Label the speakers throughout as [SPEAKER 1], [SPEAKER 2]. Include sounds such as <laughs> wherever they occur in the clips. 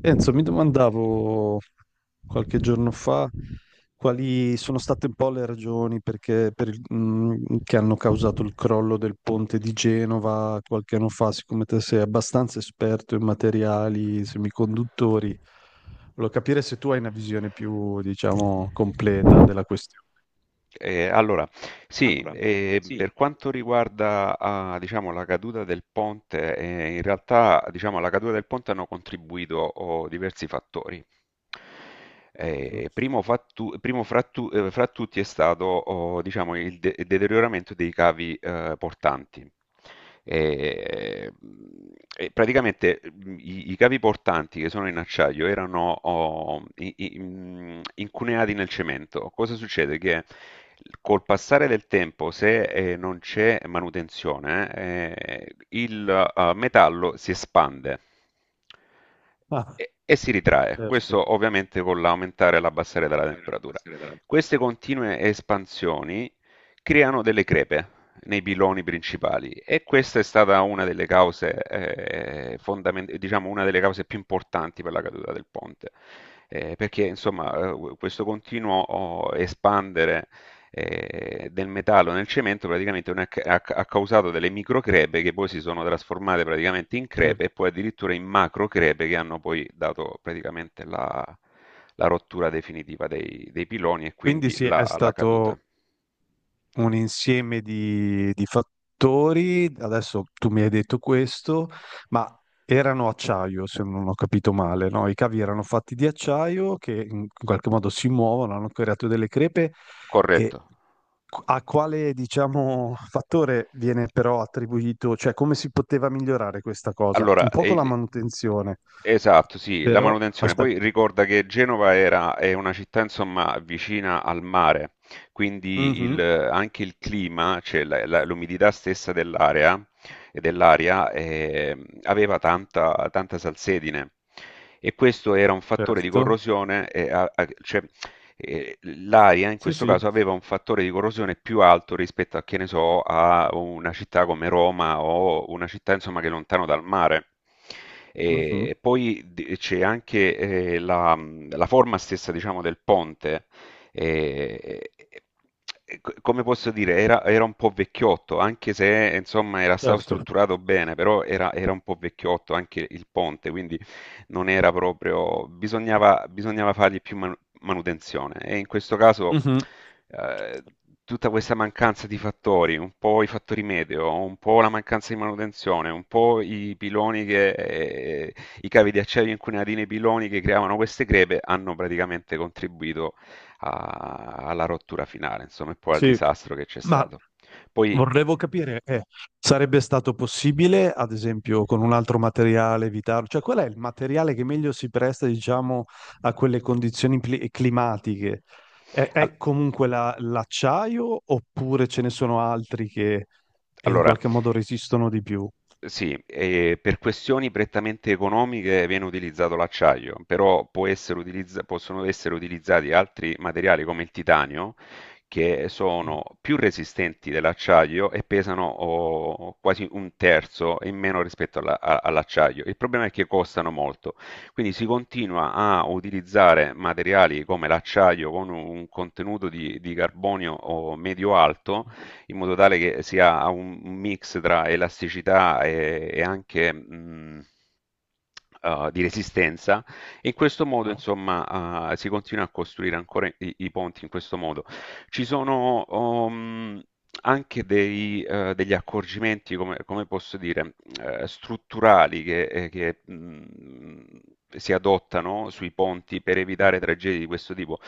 [SPEAKER 1] Enzo, mi domandavo qualche giorno fa quali sono state un po' le ragioni che hanno causato il crollo del ponte di Genova qualche anno fa. Siccome te sei abbastanza esperto in materiali semiconduttori, volevo capire se tu hai una visione più, diciamo, completa della questione.
[SPEAKER 2] Eh, allora, sì, per quanto riguarda diciamo, la caduta del ponte, in realtà diciamo, alla caduta del ponte hanno contribuito diversi fattori. Primo, primo fra, fra tutti è stato diciamo, il deterioramento dei cavi portanti. E, e praticamente i cavi portanti che sono in acciaio erano incuneati nel cemento. Cosa succede? Che col passare del tempo, se non c'è manutenzione, il metallo si espande
[SPEAKER 1] Ah,
[SPEAKER 2] e si ritrae.
[SPEAKER 1] certo.
[SPEAKER 2] Questo ovviamente con l'aumentare e l'abbassare della temperatura. Queste continue espansioni creano delle crepe nei piloni principali e questa è stata una delle cause, diciamo una delle cause più importanti per la caduta del ponte. Perché insomma questo continuo espandere del metallo nel cemento praticamente non è ca- ha causato delle microcrepe che poi si sono trasformate praticamente in
[SPEAKER 1] Sì.
[SPEAKER 2] crepe e poi addirittura in macrocrepe che hanno poi dato praticamente la, la rottura definitiva dei piloni e
[SPEAKER 1] Quindi
[SPEAKER 2] quindi
[SPEAKER 1] sì, è
[SPEAKER 2] la caduta.
[SPEAKER 1] stato un insieme di fattori. Adesso tu mi hai detto questo, ma erano acciaio, se non ho capito male, no? I cavi erano fatti di acciaio che in qualche modo si muovono, hanno creato delle crepe
[SPEAKER 2] Corretto.
[SPEAKER 1] e a quale, diciamo, fattore viene però attribuito, cioè come si poteva migliorare questa cosa?
[SPEAKER 2] Allora,
[SPEAKER 1] Un po'
[SPEAKER 2] e
[SPEAKER 1] con la
[SPEAKER 2] il-
[SPEAKER 1] manutenzione,
[SPEAKER 2] esatto, sì, la
[SPEAKER 1] però
[SPEAKER 2] manutenzione. Poi
[SPEAKER 1] aspetta.
[SPEAKER 2] ricorda che Genova era, è una città, insomma, vicina al mare, quindi
[SPEAKER 1] Mhm,
[SPEAKER 2] anche il clima, cioè l'umidità stessa dell'area, e dell'aria, aveva tanta, tanta salsedine. E questo era un fattore di
[SPEAKER 1] certo.
[SPEAKER 2] corrosione, cioè l'aria in
[SPEAKER 1] Sì,
[SPEAKER 2] questo
[SPEAKER 1] sì.
[SPEAKER 2] caso aveva un fattore di corrosione più alto rispetto a, che ne so, a una città come Roma o una città insomma che è lontano dal mare.
[SPEAKER 1] Mhm,
[SPEAKER 2] E poi c'è anche la forma stessa, diciamo, del ponte. eh, Come posso dire, era, era un po' vecchiotto, anche se insomma era stato
[SPEAKER 1] certo.
[SPEAKER 2] strutturato bene, però era, era un po' vecchiotto anche il ponte, quindi non era proprio, bisognava, bisognava fargli più, manutenzione. E in questo caso
[SPEAKER 1] Mhm.
[SPEAKER 2] eh, tutta questa mancanza di fattori, un po' i fattori meteo, un po' la mancanza di manutenzione, un po' i piloni i cavi di acciaio incunati nei piloni che creavano queste crepe hanno praticamente contribuito alla rottura finale, insomma, e poi al
[SPEAKER 1] Sì,
[SPEAKER 2] disastro che c'è
[SPEAKER 1] ma
[SPEAKER 2] stato. Poi,
[SPEAKER 1] vorrevo capire, sarebbe stato possibile, ad esempio, con un altro materiale evitarlo? Cioè, qual è il materiale che meglio si presta, diciamo, a quelle climatiche?
[SPEAKER 2] al-
[SPEAKER 1] L'acciaio oppure ce ne sono altri che in
[SPEAKER 2] allora,
[SPEAKER 1] qualche modo resistono di più?
[SPEAKER 2] Sì, e per questioni prettamente economiche viene utilizzato l'acciaio, però possono essere utilizzati altri materiali come il titanio, che
[SPEAKER 1] Mm.
[SPEAKER 2] sono più resistenti dell'acciaio e pesano quasi un terzo in meno rispetto all'acciaio. Il problema è che costano molto, quindi si continua a utilizzare materiali come l'acciaio con un contenuto di carbonio medio-alto in modo tale che sia un mix tra elasticità e anche di resistenza. E in questo modo,
[SPEAKER 1] Ah,
[SPEAKER 2] insomma, si continua a costruire ancora i ponti in questo modo. Ci sono anche dei, degli accorgimenti, come, come posso dire, strutturali si adottano sui ponti per
[SPEAKER 1] sì,
[SPEAKER 2] evitare tragedie di questo tipo.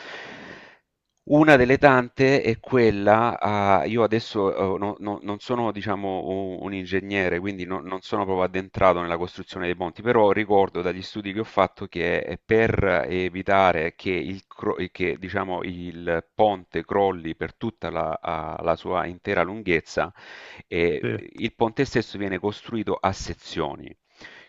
[SPEAKER 2] Una delle tante è quella a io adesso, no, non sono diciamo u un ingegnere, quindi no non sono proprio addentrato nella costruzione dei ponti, però ricordo dagli studi che ho fatto per evitare che diciamo il ponte crolli per tutta la sua intera lunghezza, ehm,
[SPEAKER 1] sì,
[SPEAKER 2] il ponte stesso viene costruito a sezioni.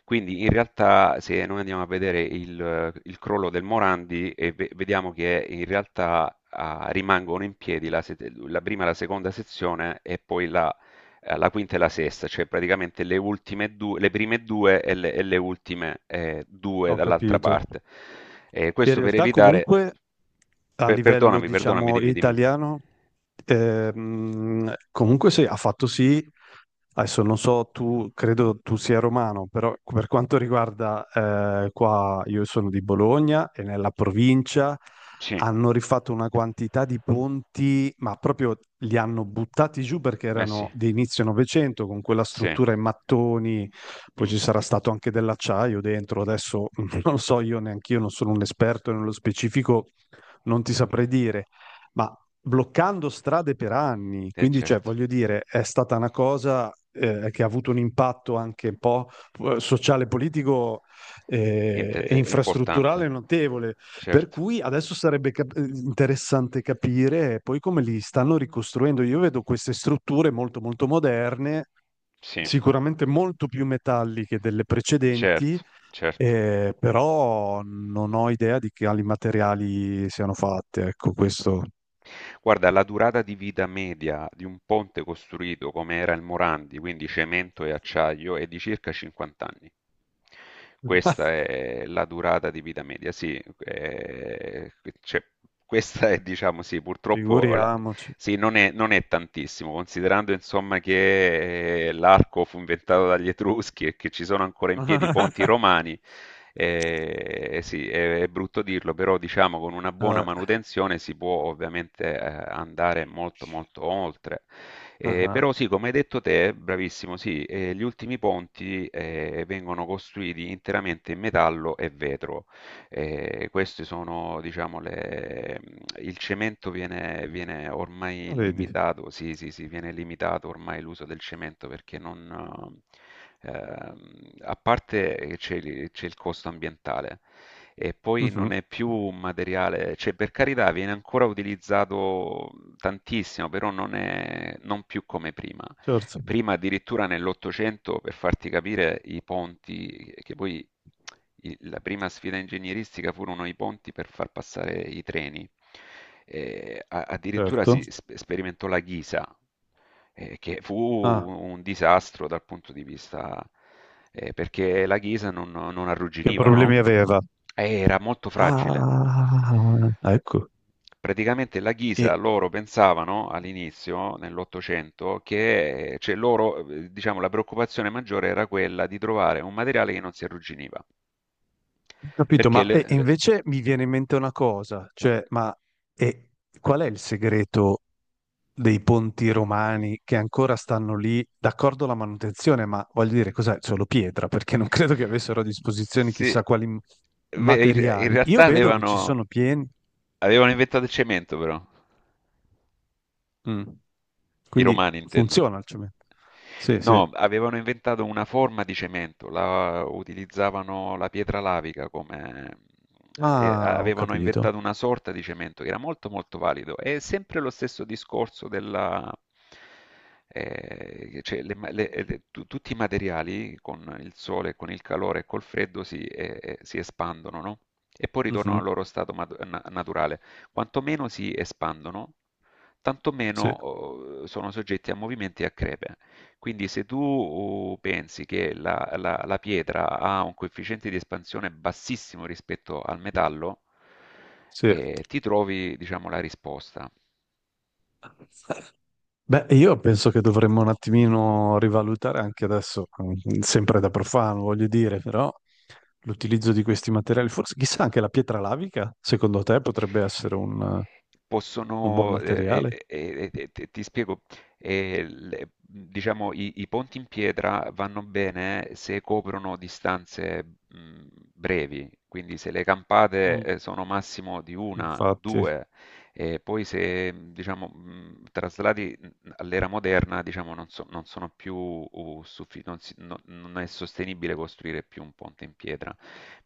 [SPEAKER 2] Quindi in realtà se noi andiamo a vedere il crollo del Morandi e vediamo che in realtà rimangono in piedi la, se- la prima e la seconda sezione e poi la quinta e la sesta, cioè praticamente le ultime due, le prime due e le ultime due
[SPEAKER 1] ho
[SPEAKER 2] dall'altra
[SPEAKER 1] capito.
[SPEAKER 2] parte.
[SPEAKER 1] In
[SPEAKER 2] Questo per
[SPEAKER 1] realtà
[SPEAKER 2] evitare...
[SPEAKER 1] comunque a livello,
[SPEAKER 2] perdonami, perdonami,
[SPEAKER 1] diciamo,
[SPEAKER 2] dimmi, dimmi.
[SPEAKER 1] italiano, comunque sì, ha fatto sì, adesso non so, tu credo tu sia romano, però per quanto riguarda qua, io sono di Bologna e nella provincia
[SPEAKER 2] Sì,
[SPEAKER 1] hanno rifatto una quantità di ponti, ma proprio li hanno buttati giù perché
[SPEAKER 2] eh sì,
[SPEAKER 1] erano
[SPEAKER 2] eh
[SPEAKER 1] di inizio Novecento con quella
[SPEAKER 2] sì,
[SPEAKER 1] struttura in mattoni, poi
[SPEAKER 2] mm,
[SPEAKER 1] ci sarà stato anche dell'acciaio dentro, adesso <laughs> non so, io neanche io non sono un esperto nello specifico, non ti saprei dire, ma bloccando strade per anni,
[SPEAKER 2] eh
[SPEAKER 1] quindi cioè,
[SPEAKER 2] certo.
[SPEAKER 1] voglio dire, è stata una cosa che ha avuto un impatto anche un po' sociale, politico e
[SPEAKER 2] È importante,
[SPEAKER 1] infrastrutturale notevole, per
[SPEAKER 2] certo,
[SPEAKER 1] cui adesso sarebbe interessante capire poi come li stanno ricostruendo. Io vedo queste strutture molto molto moderne,
[SPEAKER 2] sì.
[SPEAKER 1] sicuramente molto più metalliche delle precedenti,
[SPEAKER 2] Certo, certo.
[SPEAKER 1] però non ho idea di quali materiali siano fatte. Ecco, questo
[SPEAKER 2] Guarda, la durata di vita media di un ponte costruito come era il Morandi, quindi cemento e acciaio, è di circa 50 anni. Questa
[SPEAKER 1] <laughs>
[SPEAKER 2] è la durata di vita media, cioè, questa è, diciamo, sì, purtroppo,
[SPEAKER 1] figuriamoci.
[SPEAKER 2] sì, non è, non è tantissimo, considerando, insomma, che l'arco fu inventato dagli Etruschi e che ci sono ancora in piedi i ponti
[SPEAKER 1] <laughs>
[SPEAKER 2] romani. Sì, è brutto dirlo, però diciamo con una buona
[SPEAKER 1] Ah,
[SPEAKER 2] manutenzione si può ovviamente andare molto molto oltre.
[SPEAKER 1] ah,
[SPEAKER 2] Però sì, come hai detto te, bravissimo, sì, gli ultimi ponti vengono costruiti interamente in metallo e vetro. Questi sono diciamo il cemento viene ormai
[SPEAKER 1] vedi,
[SPEAKER 2] limitato sì, sì, sì, viene limitato ormai l'uso del cemento perché non a parte che c'è il costo ambientale e poi non
[SPEAKER 1] mhm,
[SPEAKER 2] è più un materiale cioè per carità viene ancora utilizzato tantissimo, però non più come prima.
[SPEAKER 1] certo,
[SPEAKER 2] Prima addirittura nell'Ottocento, per farti capire, i ponti, che poi la prima sfida ingegneristica furono i ponti per far passare i treni. Addirittura
[SPEAKER 1] certo.
[SPEAKER 2] sperimentò la ghisa, che fu
[SPEAKER 1] Ah,
[SPEAKER 2] un disastro dal punto di vista, perché la ghisa non, non
[SPEAKER 1] che
[SPEAKER 2] arrugginiva, no?
[SPEAKER 1] problemi aveva?
[SPEAKER 2] Era molto fragile.
[SPEAKER 1] Ah, ecco.
[SPEAKER 2] Praticamente la
[SPEAKER 1] E
[SPEAKER 2] ghisa loro pensavano all'inizio, nell'Ottocento, diciamo, la preoccupazione maggiore era quella di trovare un materiale che non si arrugginiva.
[SPEAKER 1] capito,
[SPEAKER 2] Perché
[SPEAKER 1] ma
[SPEAKER 2] le-
[SPEAKER 1] e
[SPEAKER 2] le-
[SPEAKER 1] invece mi viene in mente una cosa, cioè, ma e qual è il segreto dei ponti romani che ancora stanno lì? D'accordo la manutenzione, ma voglio dire, cos'è? Solo pietra, perché non credo che avessero a disposizione
[SPEAKER 2] sì,
[SPEAKER 1] chissà quali
[SPEAKER 2] in in
[SPEAKER 1] materiali. Io
[SPEAKER 2] realtà
[SPEAKER 1] vedo che ci
[SPEAKER 2] avevano,
[SPEAKER 1] sono pieni,
[SPEAKER 2] avevano inventato il cemento, però,
[SPEAKER 1] mm.
[SPEAKER 2] i
[SPEAKER 1] Quindi
[SPEAKER 2] romani intendo.
[SPEAKER 1] funziona il cemento. Sì, sì.
[SPEAKER 2] No, avevano inventato una forma di cemento, la, utilizzavano la pietra lavica come... e
[SPEAKER 1] Ah, ho
[SPEAKER 2] avevano
[SPEAKER 1] capito.
[SPEAKER 2] inventato una sorta di cemento che era molto molto valido. È sempre lo stesso discorso della... cioè, le ma- le- tu- tutti i materiali con il sole, con il calore e col freddo si espandono, no? E poi ritornano
[SPEAKER 1] Mhm,
[SPEAKER 2] al loro stato naturale. Quanto meno si espandono, tanto meno
[SPEAKER 1] sì,
[SPEAKER 2] sono soggetti a movimenti e a crepe. Quindi se tu pensi che la pietra ha un coefficiente di espansione bassissimo rispetto al metallo,
[SPEAKER 1] sì.
[SPEAKER 2] ti trovi, diciamo, la risposta.
[SPEAKER 1] Beh, io penso che dovremmo un attimino rivalutare anche adesso, sempre da profano, voglio dire, però l'utilizzo di questi materiali, forse chissà anche la pietra lavica, secondo te potrebbe essere un buon
[SPEAKER 2] Possono,
[SPEAKER 1] materiale?
[SPEAKER 2] ti ti spiego, diciamo i ponti in pietra vanno bene se coprono distanze brevi, quindi se le campate sono massimo di una,
[SPEAKER 1] Infatti,
[SPEAKER 2] due, e poi se diciamo traslati all'era moderna, diciamo non, non sono più non si- non- non è sostenibile costruire più un ponte in pietra,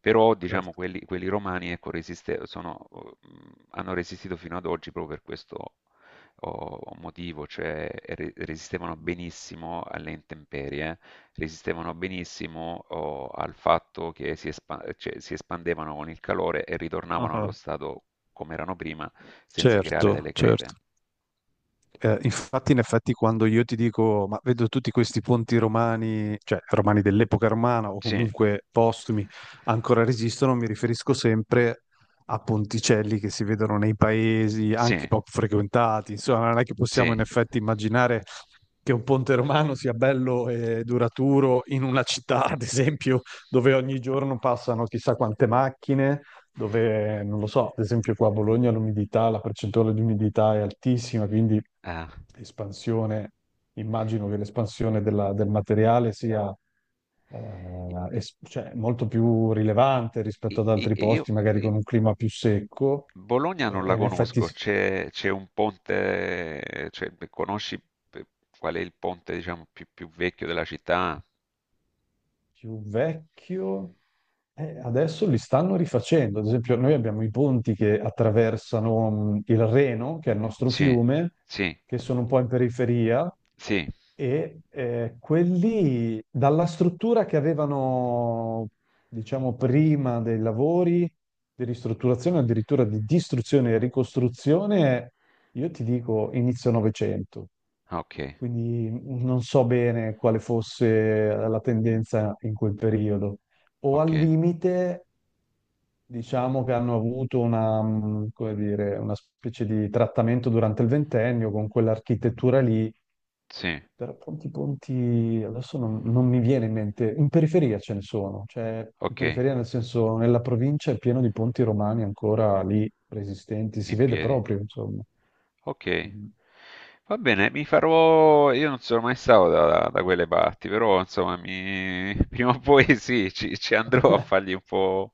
[SPEAKER 2] però diciamo
[SPEAKER 1] certo.
[SPEAKER 2] quelli, quelli romani ecco, sono, hanno resistito fino ad oggi proprio per questo oh, motivo, cioè resistevano benissimo alle intemperie, resistevano benissimo al fatto cioè, si espandevano con il calore e ritornavano
[SPEAKER 1] Ah,
[SPEAKER 2] allo stato come erano prima senza creare
[SPEAKER 1] certo,
[SPEAKER 2] delle crepe.
[SPEAKER 1] certo. Infatti, in effetti, quando io ti dico, ma vedo tutti questi ponti romani, cioè romani dell'epoca romana o
[SPEAKER 2] Sì,
[SPEAKER 1] comunque postumi, ancora resistono, mi riferisco sempre a ponticelli che si vedono nei paesi
[SPEAKER 2] sì,
[SPEAKER 1] anche poco frequentati. Insomma, non è che possiamo
[SPEAKER 2] sì.
[SPEAKER 1] in effetti immaginare che un ponte romano sia bello e duraturo in una città, ad esempio, dove ogni giorno passano chissà quante macchine, dove, non lo so, ad esempio qua a Bologna l'umidità, la percentuale di umidità è altissima, quindi
[SPEAKER 2] Ah.
[SPEAKER 1] espansione, immagino che del materiale sia cioè, molto più rilevante rispetto ad altri
[SPEAKER 2] E io,
[SPEAKER 1] posti, magari con un clima più secco,
[SPEAKER 2] Bologna
[SPEAKER 1] eh,
[SPEAKER 2] non la
[SPEAKER 1] e in effetti
[SPEAKER 2] conosco,
[SPEAKER 1] s-
[SPEAKER 2] c'è un ponte, cioè, beh, conosci eh, qual è il ponte, diciamo, più, più vecchio della città?
[SPEAKER 1] più vecchio. Adesso li stanno rifacendo. Ad esempio, noi abbiamo i ponti che attraversano il Reno, che è il nostro
[SPEAKER 2] Sì,
[SPEAKER 1] fiume,
[SPEAKER 2] sì,
[SPEAKER 1] che sono un po' in periferia,
[SPEAKER 2] sì,
[SPEAKER 1] e quelli dalla struttura che avevano, diciamo, prima dei lavori di ristrutturazione, addirittura di distruzione e ricostruzione, io ti dico inizio Novecento,
[SPEAKER 2] ok,
[SPEAKER 1] quindi non so bene quale fosse la tendenza in quel periodo. O
[SPEAKER 2] ok,
[SPEAKER 1] al limite, diciamo che hanno avuto una, come dire, una specie di trattamento durante il ventennio con quell'architettura lì,
[SPEAKER 2] sì,
[SPEAKER 1] però ponti adesso non, non mi viene in mente, in periferia ce ne sono, cioè in
[SPEAKER 2] ok,
[SPEAKER 1] periferia nel senso nella provincia è pieno di ponti romani ancora lì resistenti, si
[SPEAKER 2] in
[SPEAKER 1] vede
[SPEAKER 2] piedi,
[SPEAKER 1] proprio, insomma.
[SPEAKER 2] ok.
[SPEAKER 1] Mhm.
[SPEAKER 2] Va bene, mi farò, io non sono mai stato da, da quelle parti, però insomma, mi- <laughs> prima o poi sì, ci, ci andrò a
[SPEAKER 1] <laughs>
[SPEAKER 2] fargli un po',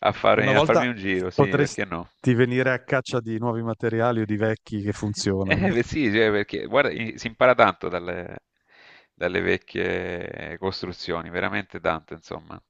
[SPEAKER 1] Una
[SPEAKER 2] a farmi
[SPEAKER 1] volta
[SPEAKER 2] un giro, sì,
[SPEAKER 1] potresti
[SPEAKER 2] perché no?
[SPEAKER 1] venire a caccia di nuovi materiali o di vecchi che funzionano.
[SPEAKER 2] Eh beh, sì, cioè, perché guarda, si impara tanto dalle, dalle vecchie costruzioni, veramente tanto, insomma.